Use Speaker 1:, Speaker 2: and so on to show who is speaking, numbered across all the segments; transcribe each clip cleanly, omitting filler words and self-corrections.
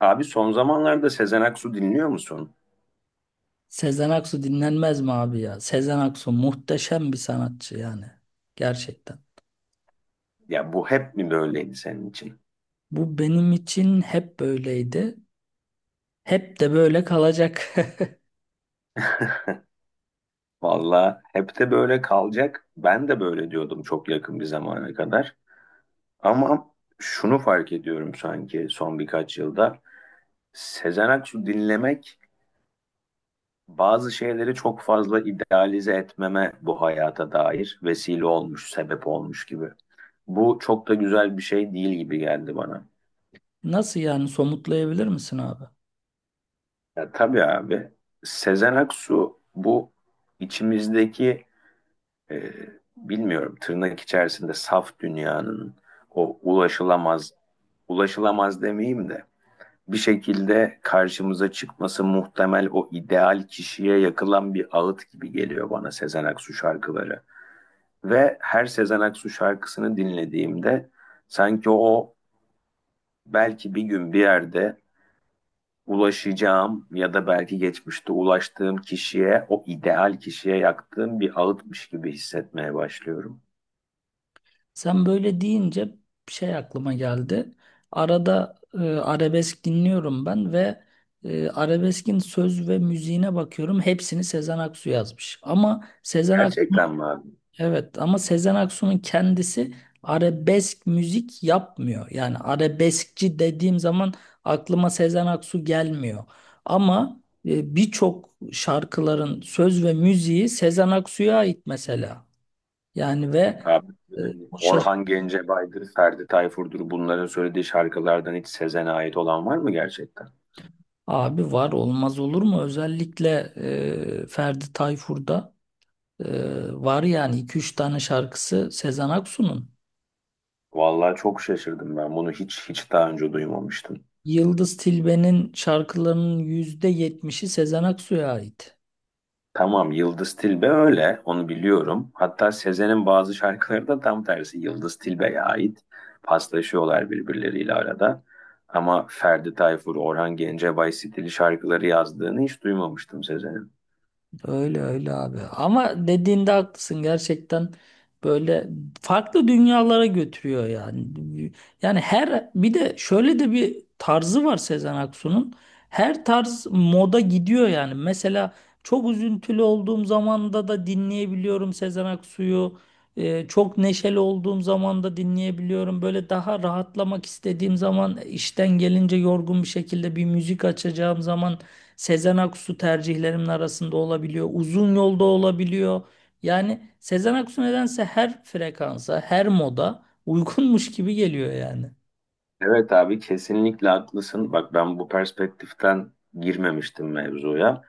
Speaker 1: Abi son zamanlarda Sezen Aksu dinliyor musun?
Speaker 2: Sezen Aksu dinlenmez mi abi ya? Sezen Aksu muhteşem bir sanatçı yani. Gerçekten.
Speaker 1: Ya bu hep mi böyleydi senin için?
Speaker 2: Bu benim için hep böyleydi. Hep de böyle kalacak.
Speaker 1: Valla hep de böyle kalacak. Ben de böyle diyordum çok yakın bir zamana kadar. Ama şunu fark ediyorum sanki son birkaç yılda. Sezen Aksu dinlemek bazı şeyleri çok fazla idealize etmeme bu hayata dair vesile olmuş, sebep olmuş gibi. Bu çok da güzel bir şey değil gibi geldi bana.
Speaker 2: Nasıl yani, somutlayabilir misin abi?
Speaker 1: Ya tabii abi. Sezen Aksu bu içimizdeki e, bilmiyorum tırnak içerisinde saf dünyanın o ulaşılamaz ulaşılamaz demeyeyim de bir şekilde karşımıza çıkması muhtemel o ideal kişiye yakılan bir ağıt gibi geliyor bana Sezen Aksu şarkıları. Ve her Sezen Aksu şarkısını dinlediğimde sanki o belki bir gün bir yerde ulaşacağım ya da belki geçmişte ulaştığım kişiye, o ideal kişiye yaktığım bir ağıtmış gibi hissetmeye başlıyorum.
Speaker 2: Sen böyle deyince bir şey aklıma geldi. Arada arabesk dinliyorum ben ve arabeskin söz ve müziğine bakıyorum. Hepsini Sezen Aksu yazmış. Ama Sezen Aksu.
Speaker 1: Gerçekten mi abi?
Speaker 2: Evet, ama Sezen Aksu'nun kendisi arabesk müzik yapmıyor. Yani arabeskçi dediğim zaman aklıma Sezen Aksu gelmiyor. Ama birçok şarkıların söz ve müziği Sezen Aksu'ya ait mesela. Yani ve
Speaker 1: Abi
Speaker 2: e,
Speaker 1: yani
Speaker 2: o şaş-
Speaker 1: Orhan Gencebay'dır, Ferdi Tayfur'dur bunların söylediği şarkılardan hiç Sezen'e ait olan var mı gerçekten?
Speaker 2: abi var olmaz olur mu? Özellikle Ferdi Tayfur'da var yani iki üç tane şarkısı Sezen Aksu'nun.
Speaker 1: Vallahi çok şaşırdım ben. Bunu hiç daha önce duymamıştım.
Speaker 2: Yıldız Tilbe'nin şarkılarının %70'i Sezen Aksu'ya ait.
Speaker 1: Tamam Yıldız Tilbe öyle onu biliyorum. Hatta Sezen'in bazı şarkıları da tam tersi Yıldız Tilbe'ye ait. Paslaşıyorlar birbirleriyle arada. Ama Ferdi Tayfur, Orhan Gencebay stili şarkıları yazdığını hiç duymamıştım Sezen'in.
Speaker 2: Öyle öyle abi. Ama dediğinde haklısın gerçekten, böyle farklı dünyalara götürüyor yani. Yani her, bir de şöyle de bir tarzı var Sezen Aksu'nun. Her tarz moda gidiyor yani. Mesela çok üzüntülü olduğum zamanda da dinleyebiliyorum Sezen Aksu'yu. Çok neşeli olduğum zaman da dinleyebiliyorum. Böyle daha rahatlamak istediğim zaman, işten gelince yorgun bir şekilde bir müzik açacağım zaman Sezen Aksu tercihlerimin arasında olabiliyor. Uzun yolda olabiliyor. Yani Sezen Aksu nedense her frekansa, her moda uygunmuş gibi geliyor yani.
Speaker 1: Evet abi kesinlikle haklısın. Bak ben bu perspektiften girmemiştim mevzuya.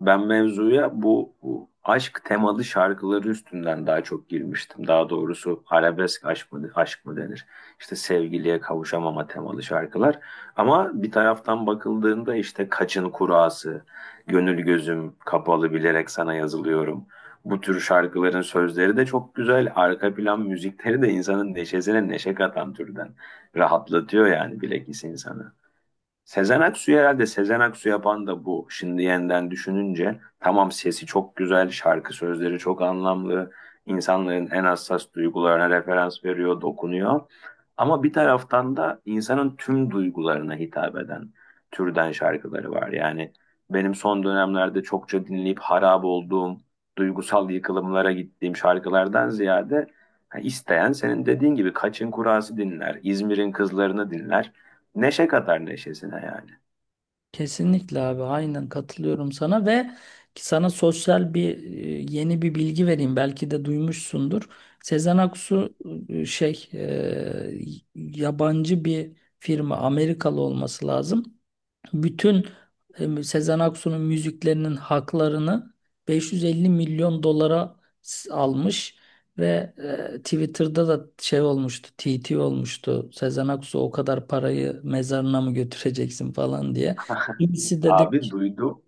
Speaker 1: Ben mevzuya bu aşk temalı şarkıları üstünden daha çok girmiştim. Daha doğrusu arabesk aşk mı, aşk mı denir? İşte sevgiliye kavuşamama temalı şarkılar. Ama bir taraftan bakıldığında işte Kaçın Kurası, Gönül Gözüm Kapalı Bilerek Sana Yazılıyorum. Bu tür şarkıların sözleri de çok güzel. Arka plan müzikleri de insanın neşesine neşe katan türden rahatlatıyor yani bilekis insanı. Sezen Aksu herhalde Sezen Aksu yapan da bu. Şimdi yeniden düşününce tamam sesi çok güzel, şarkı sözleri çok anlamlı, insanların en hassas duygularına referans veriyor, dokunuyor. Ama bir taraftan da insanın tüm duygularına hitap eden türden şarkıları var. Yani benim son dönemlerde çokça dinleyip harap olduğum, duygusal yıkılımlara gittiğim şarkılardan ziyade ha, isteyen senin dediğin gibi Kaçın Kurası dinler, İzmir'in Kızlarını dinler. Neşe kadar neşesine yani.
Speaker 2: Kesinlikle abi, aynen katılıyorum sana ve sana sosyal bir, yeni bir bilgi vereyim, belki de duymuşsundur. Sezen Aksu e, şey e, yabancı bir firma, Amerikalı olması lazım. Bütün Sezen Aksu'nun müziklerinin haklarını 550 milyon dolara almış ve Twitter'da da şey olmuştu, TT olmuştu. Sezen Aksu o kadar parayı mezarına mı götüreceksin falan diye. Kimisi dedi.
Speaker 1: Abi duydum.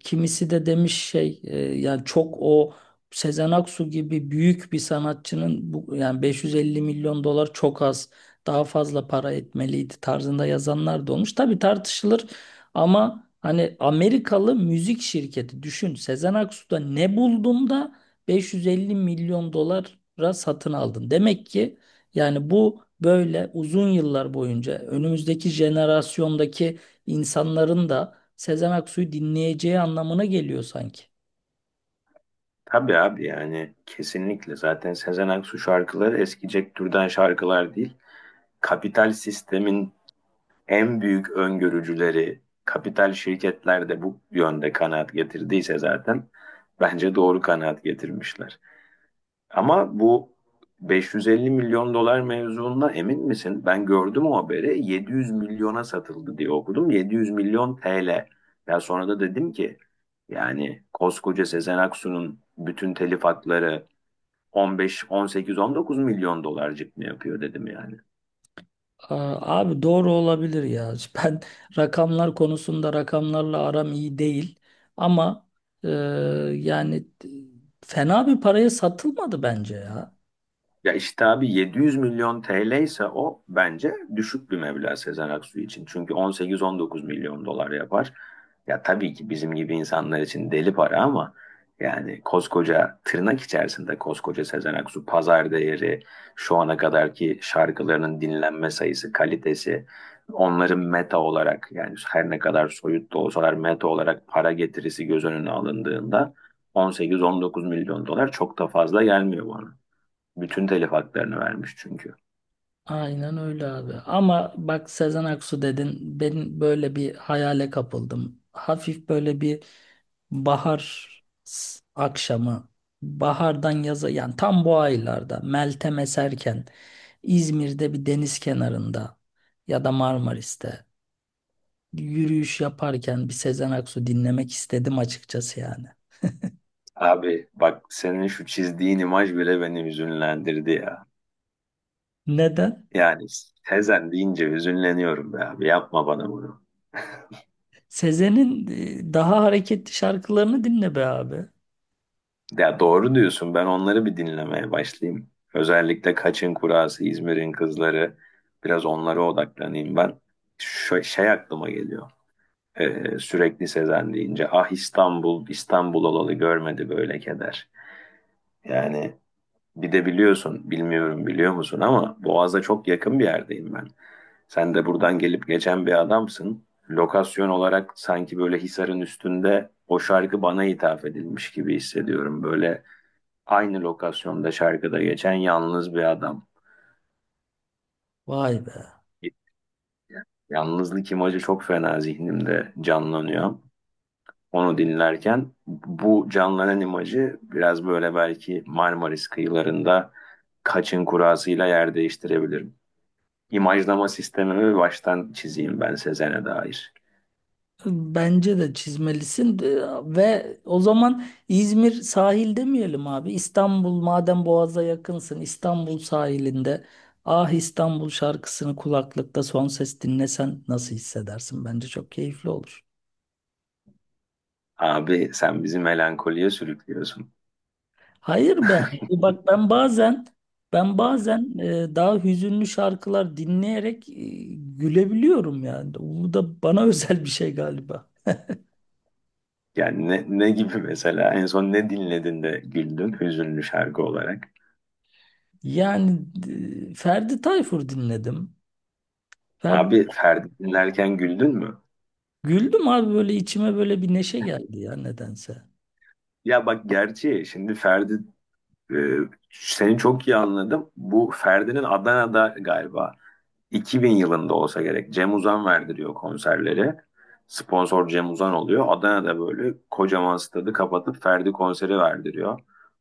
Speaker 2: Kimisi de demiş yani çok o Sezen Aksu gibi büyük bir sanatçının bu yani 550 milyon dolar çok az, daha fazla para etmeliydi tarzında yazanlar da olmuş. Tabii tartışılır ama hani Amerikalı müzik şirketi, düşün Sezen Aksu'da ne buldun da 550 milyon dolara satın aldın. Demek ki yani bu böyle uzun yıllar boyunca önümüzdeki jenerasyondaki insanların da Sezen Aksu'yu dinleyeceği anlamına geliyor sanki.
Speaker 1: Tabii abi yani kesinlikle zaten Sezen Aksu şarkıları eskicek türden şarkılar değil. Kapital sistemin en büyük öngörücüleri, kapital şirketler de bu yönde kanaat getirdiyse zaten bence doğru kanaat getirmişler. Ama bu 550 milyon dolar mevzuundan emin misin? Ben gördüm o haberi. 700 milyona satıldı diye okudum. 700 milyon TL. Ya sonra da dedim ki yani koskoca Sezen Aksu'nun bütün telif hakları 15, 18, 19 milyon dolarcık mı yapıyor dedim yani.
Speaker 2: Aa, abi doğru olabilir ya. Ben rakamlar konusunda, rakamlarla aram iyi değil. Ama e, yani fena bir paraya satılmadı bence ya.
Speaker 1: Ya işte abi 700 milyon TL ise o bence düşük bir meblağ Sezen Aksu için. Çünkü 18-19 milyon dolar yapar. Ya tabii ki bizim gibi insanlar için deli para ama yani koskoca tırnak içerisinde koskoca Sezen Aksu pazar değeri, şu ana kadarki şarkılarının dinlenme sayısı, kalitesi, onların meta olarak yani her ne kadar soyut da olsalar meta olarak para getirisi göz önüne alındığında 18-19 milyon dolar çok da fazla gelmiyor bana. Bütün telif haklarını vermiş çünkü.
Speaker 2: Aynen öyle abi. Ama bak, Sezen Aksu dedin, ben böyle bir hayale kapıldım. Hafif böyle bir bahar akşamı, bahardan yaza yani tam bu aylarda, Meltem eserken İzmir'de bir deniz kenarında ya da Marmaris'te yürüyüş yaparken bir Sezen Aksu dinlemek istedim açıkçası yani.
Speaker 1: Abi bak senin şu çizdiğin imaj bile beni hüzünlendirdi ya.
Speaker 2: Neden?
Speaker 1: Yani Sezen deyince hüzünleniyorum be abi yapma bana bunu.
Speaker 2: Sezen'in daha hareketli şarkılarını dinle be abi.
Speaker 1: Ya doğru diyorsun ben onları bir dinlemeye başlayayım. Özellikle Kaçın Kurası, İzmir'in Kızları biraz onlara odaklanayım ben. Şey aklıma geliyor. Sürekli Sezen deyince ah İstanbul, İstanbul olalı görmedi böyle keder. Yani bir de biliyorsun, bilmiyorum biliyor musun ama Boğaz'a çok yakın bir yerdeyim ben. Sen de buradan gelip geçen bir adamsın. Lokasyon olarak sanki böyle Hisar'ın üstünde o şarkı bana hitap edilmiş gibi hissediyorum. Böyle aynı lokasyonda şarkıda geçen yalnız bir adam.
Speaker 2: Vay be.
Speaker 1: Yalnızlık imajı çok fena zihnimde canlanıyor. Onu dinlerken bu canlanan imajı biraz böyle belki Marmaris kıyılarında kaçın kurasıyla yer değiştirebilir. İmajlama sistemimi baştan çizeyim ben Sezen'e dair.
Speaker 2: Bence de çizmelisin. Ve o zaman İzmir sahil demeyelim abi. İstanbul, madem Boğaz'a yakınsın, İstanbul sahilinde Ah İstanbul şarkısını kulaklıkta son ses dinlesen nasıl hissedersin? Bence çok keyifli olur.
Speaker 1: Abi sen bizi melankoliye sürüklüyorsun.
Speaker 2: Hayır be abi. Bak, ben bazen, ben bazen daha hüzünlü şarkılar dinleyerek gülebiliyorum yani. Bu da bana özel bir şey galiba.
Speaker 1: Yani ne gibi mesela en son ne dinledin de güldün hüzünlü şarkı olarak?
Speaker 2: Yani Ferdi Tayfur dinledim. Ferdi.
Speaker 1: Abi Ferdi dinlerken güldün mü?
Speaker 2: Güldüm abi, böyle içime böyle bir neşe geldi ya nedense.
Speaker 1: Ya bak gerçi şimdi e, seni çok iyi anladım. Bu Ferdi'nin Adana'da galiba 2000 yılında olsa gerek. Cem Uzan verdiriyor konserleri. Sponsor Cem Uzan oluyor. Adana'da böyle kocaman stadı kapatıp Ferdi konseri verdiriyor.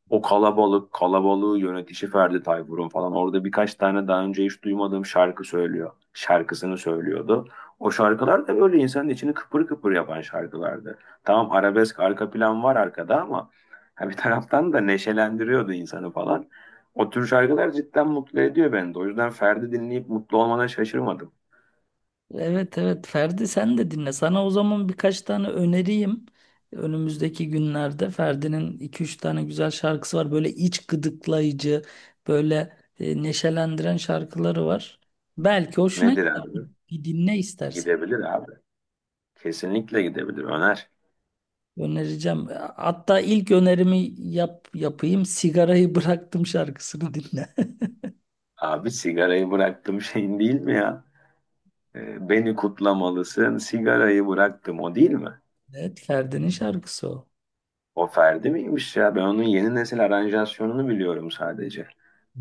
Speaker 1: O kalabalık, kalabalığı yönetişi Ferdi Tayfur'un falan. Orada birkaç tane daha önce hiç duymadığım şarkı söylüyor. Şarkısını söylüyordu. O şarkılar da böyle insanın içini kıpır kıpır yapan şarkılardı. Tamam arabesk arka plan var arkada ama ha bir taraftan da neşelendiriyordu insanı falan. O tür şarkılar cidden mutlu ediyor beni de. O yüzden Ferdi dinleyip mutlu olmana şaşırmadım.
Speaker 2: Evet evet, Ferdi sen de dinle. Sana o zaman birkaç tane öneriyim. Önümüzdeki günlerde Ferdi'nin iki üç tane güzel şarkısı var. Böyle iç gıdıklayıcı, böyle neşelendiren şarkıları var. Belki hoşuna
Speaker 1: Nedir
Speaker 2: gider.
Speaker 1: abi?
Speaker 2: Bir dinle istersen.
Speaker 1: Gidebilir abi. Kesinlikle gidebilir. Öner.
Speaker 2: Önereceğim. Hatta ilk önerimi yapayım. Sigarayı bıraktım şarkısını dinle.
Speaker 1: Abi sigarayı bıraktım şeyin değil mi ya? Beni kutlamalısın. Sigarayı bıraktım o değil mi?
Speaker 2: Evet, Ferdi'nin şarkısı o.
Speaker 1: O Ferdi miymiş ya? Ben onun yeni nesil aranjasyonunu biliyorum sadece.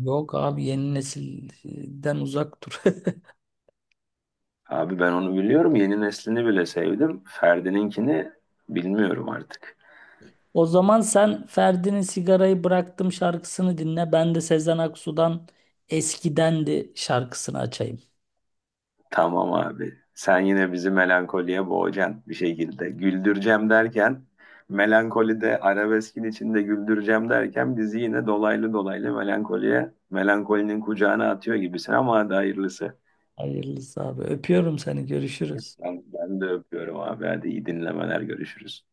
Speaker 2: Yok abi, yeni nesilden uzak dur.
Speaker 1: Abi ben onu biliyorum. Yeni neslini bile sevdim. Ferdi'ninkini bilmiyorum artık.
Speaker 2: O zaman sen Ferdi'nin sigarayı bıraktım şarkısını dinle. Ben de Sezen Aksu'dan Eskidendi şarkısını açayım.
Speaker 1: Tamam abi. Sen yine bizi melankoliye boğacaksın bir şekilde. Güldüreceğim derken melankolide arabeskin içinde güldüreceğim derken bizi yine dolaylı dolaylı melankoliye melankolinin kucağına atıyor gibisin ama hadi hayırlısı.
Speaker 2: Hayırlısı abi. Öpüyorum seni. Görüşürüz.
Speaker 1: Ben de öpüyorum abi. Hadi iyi dinlemeler görüşürüz.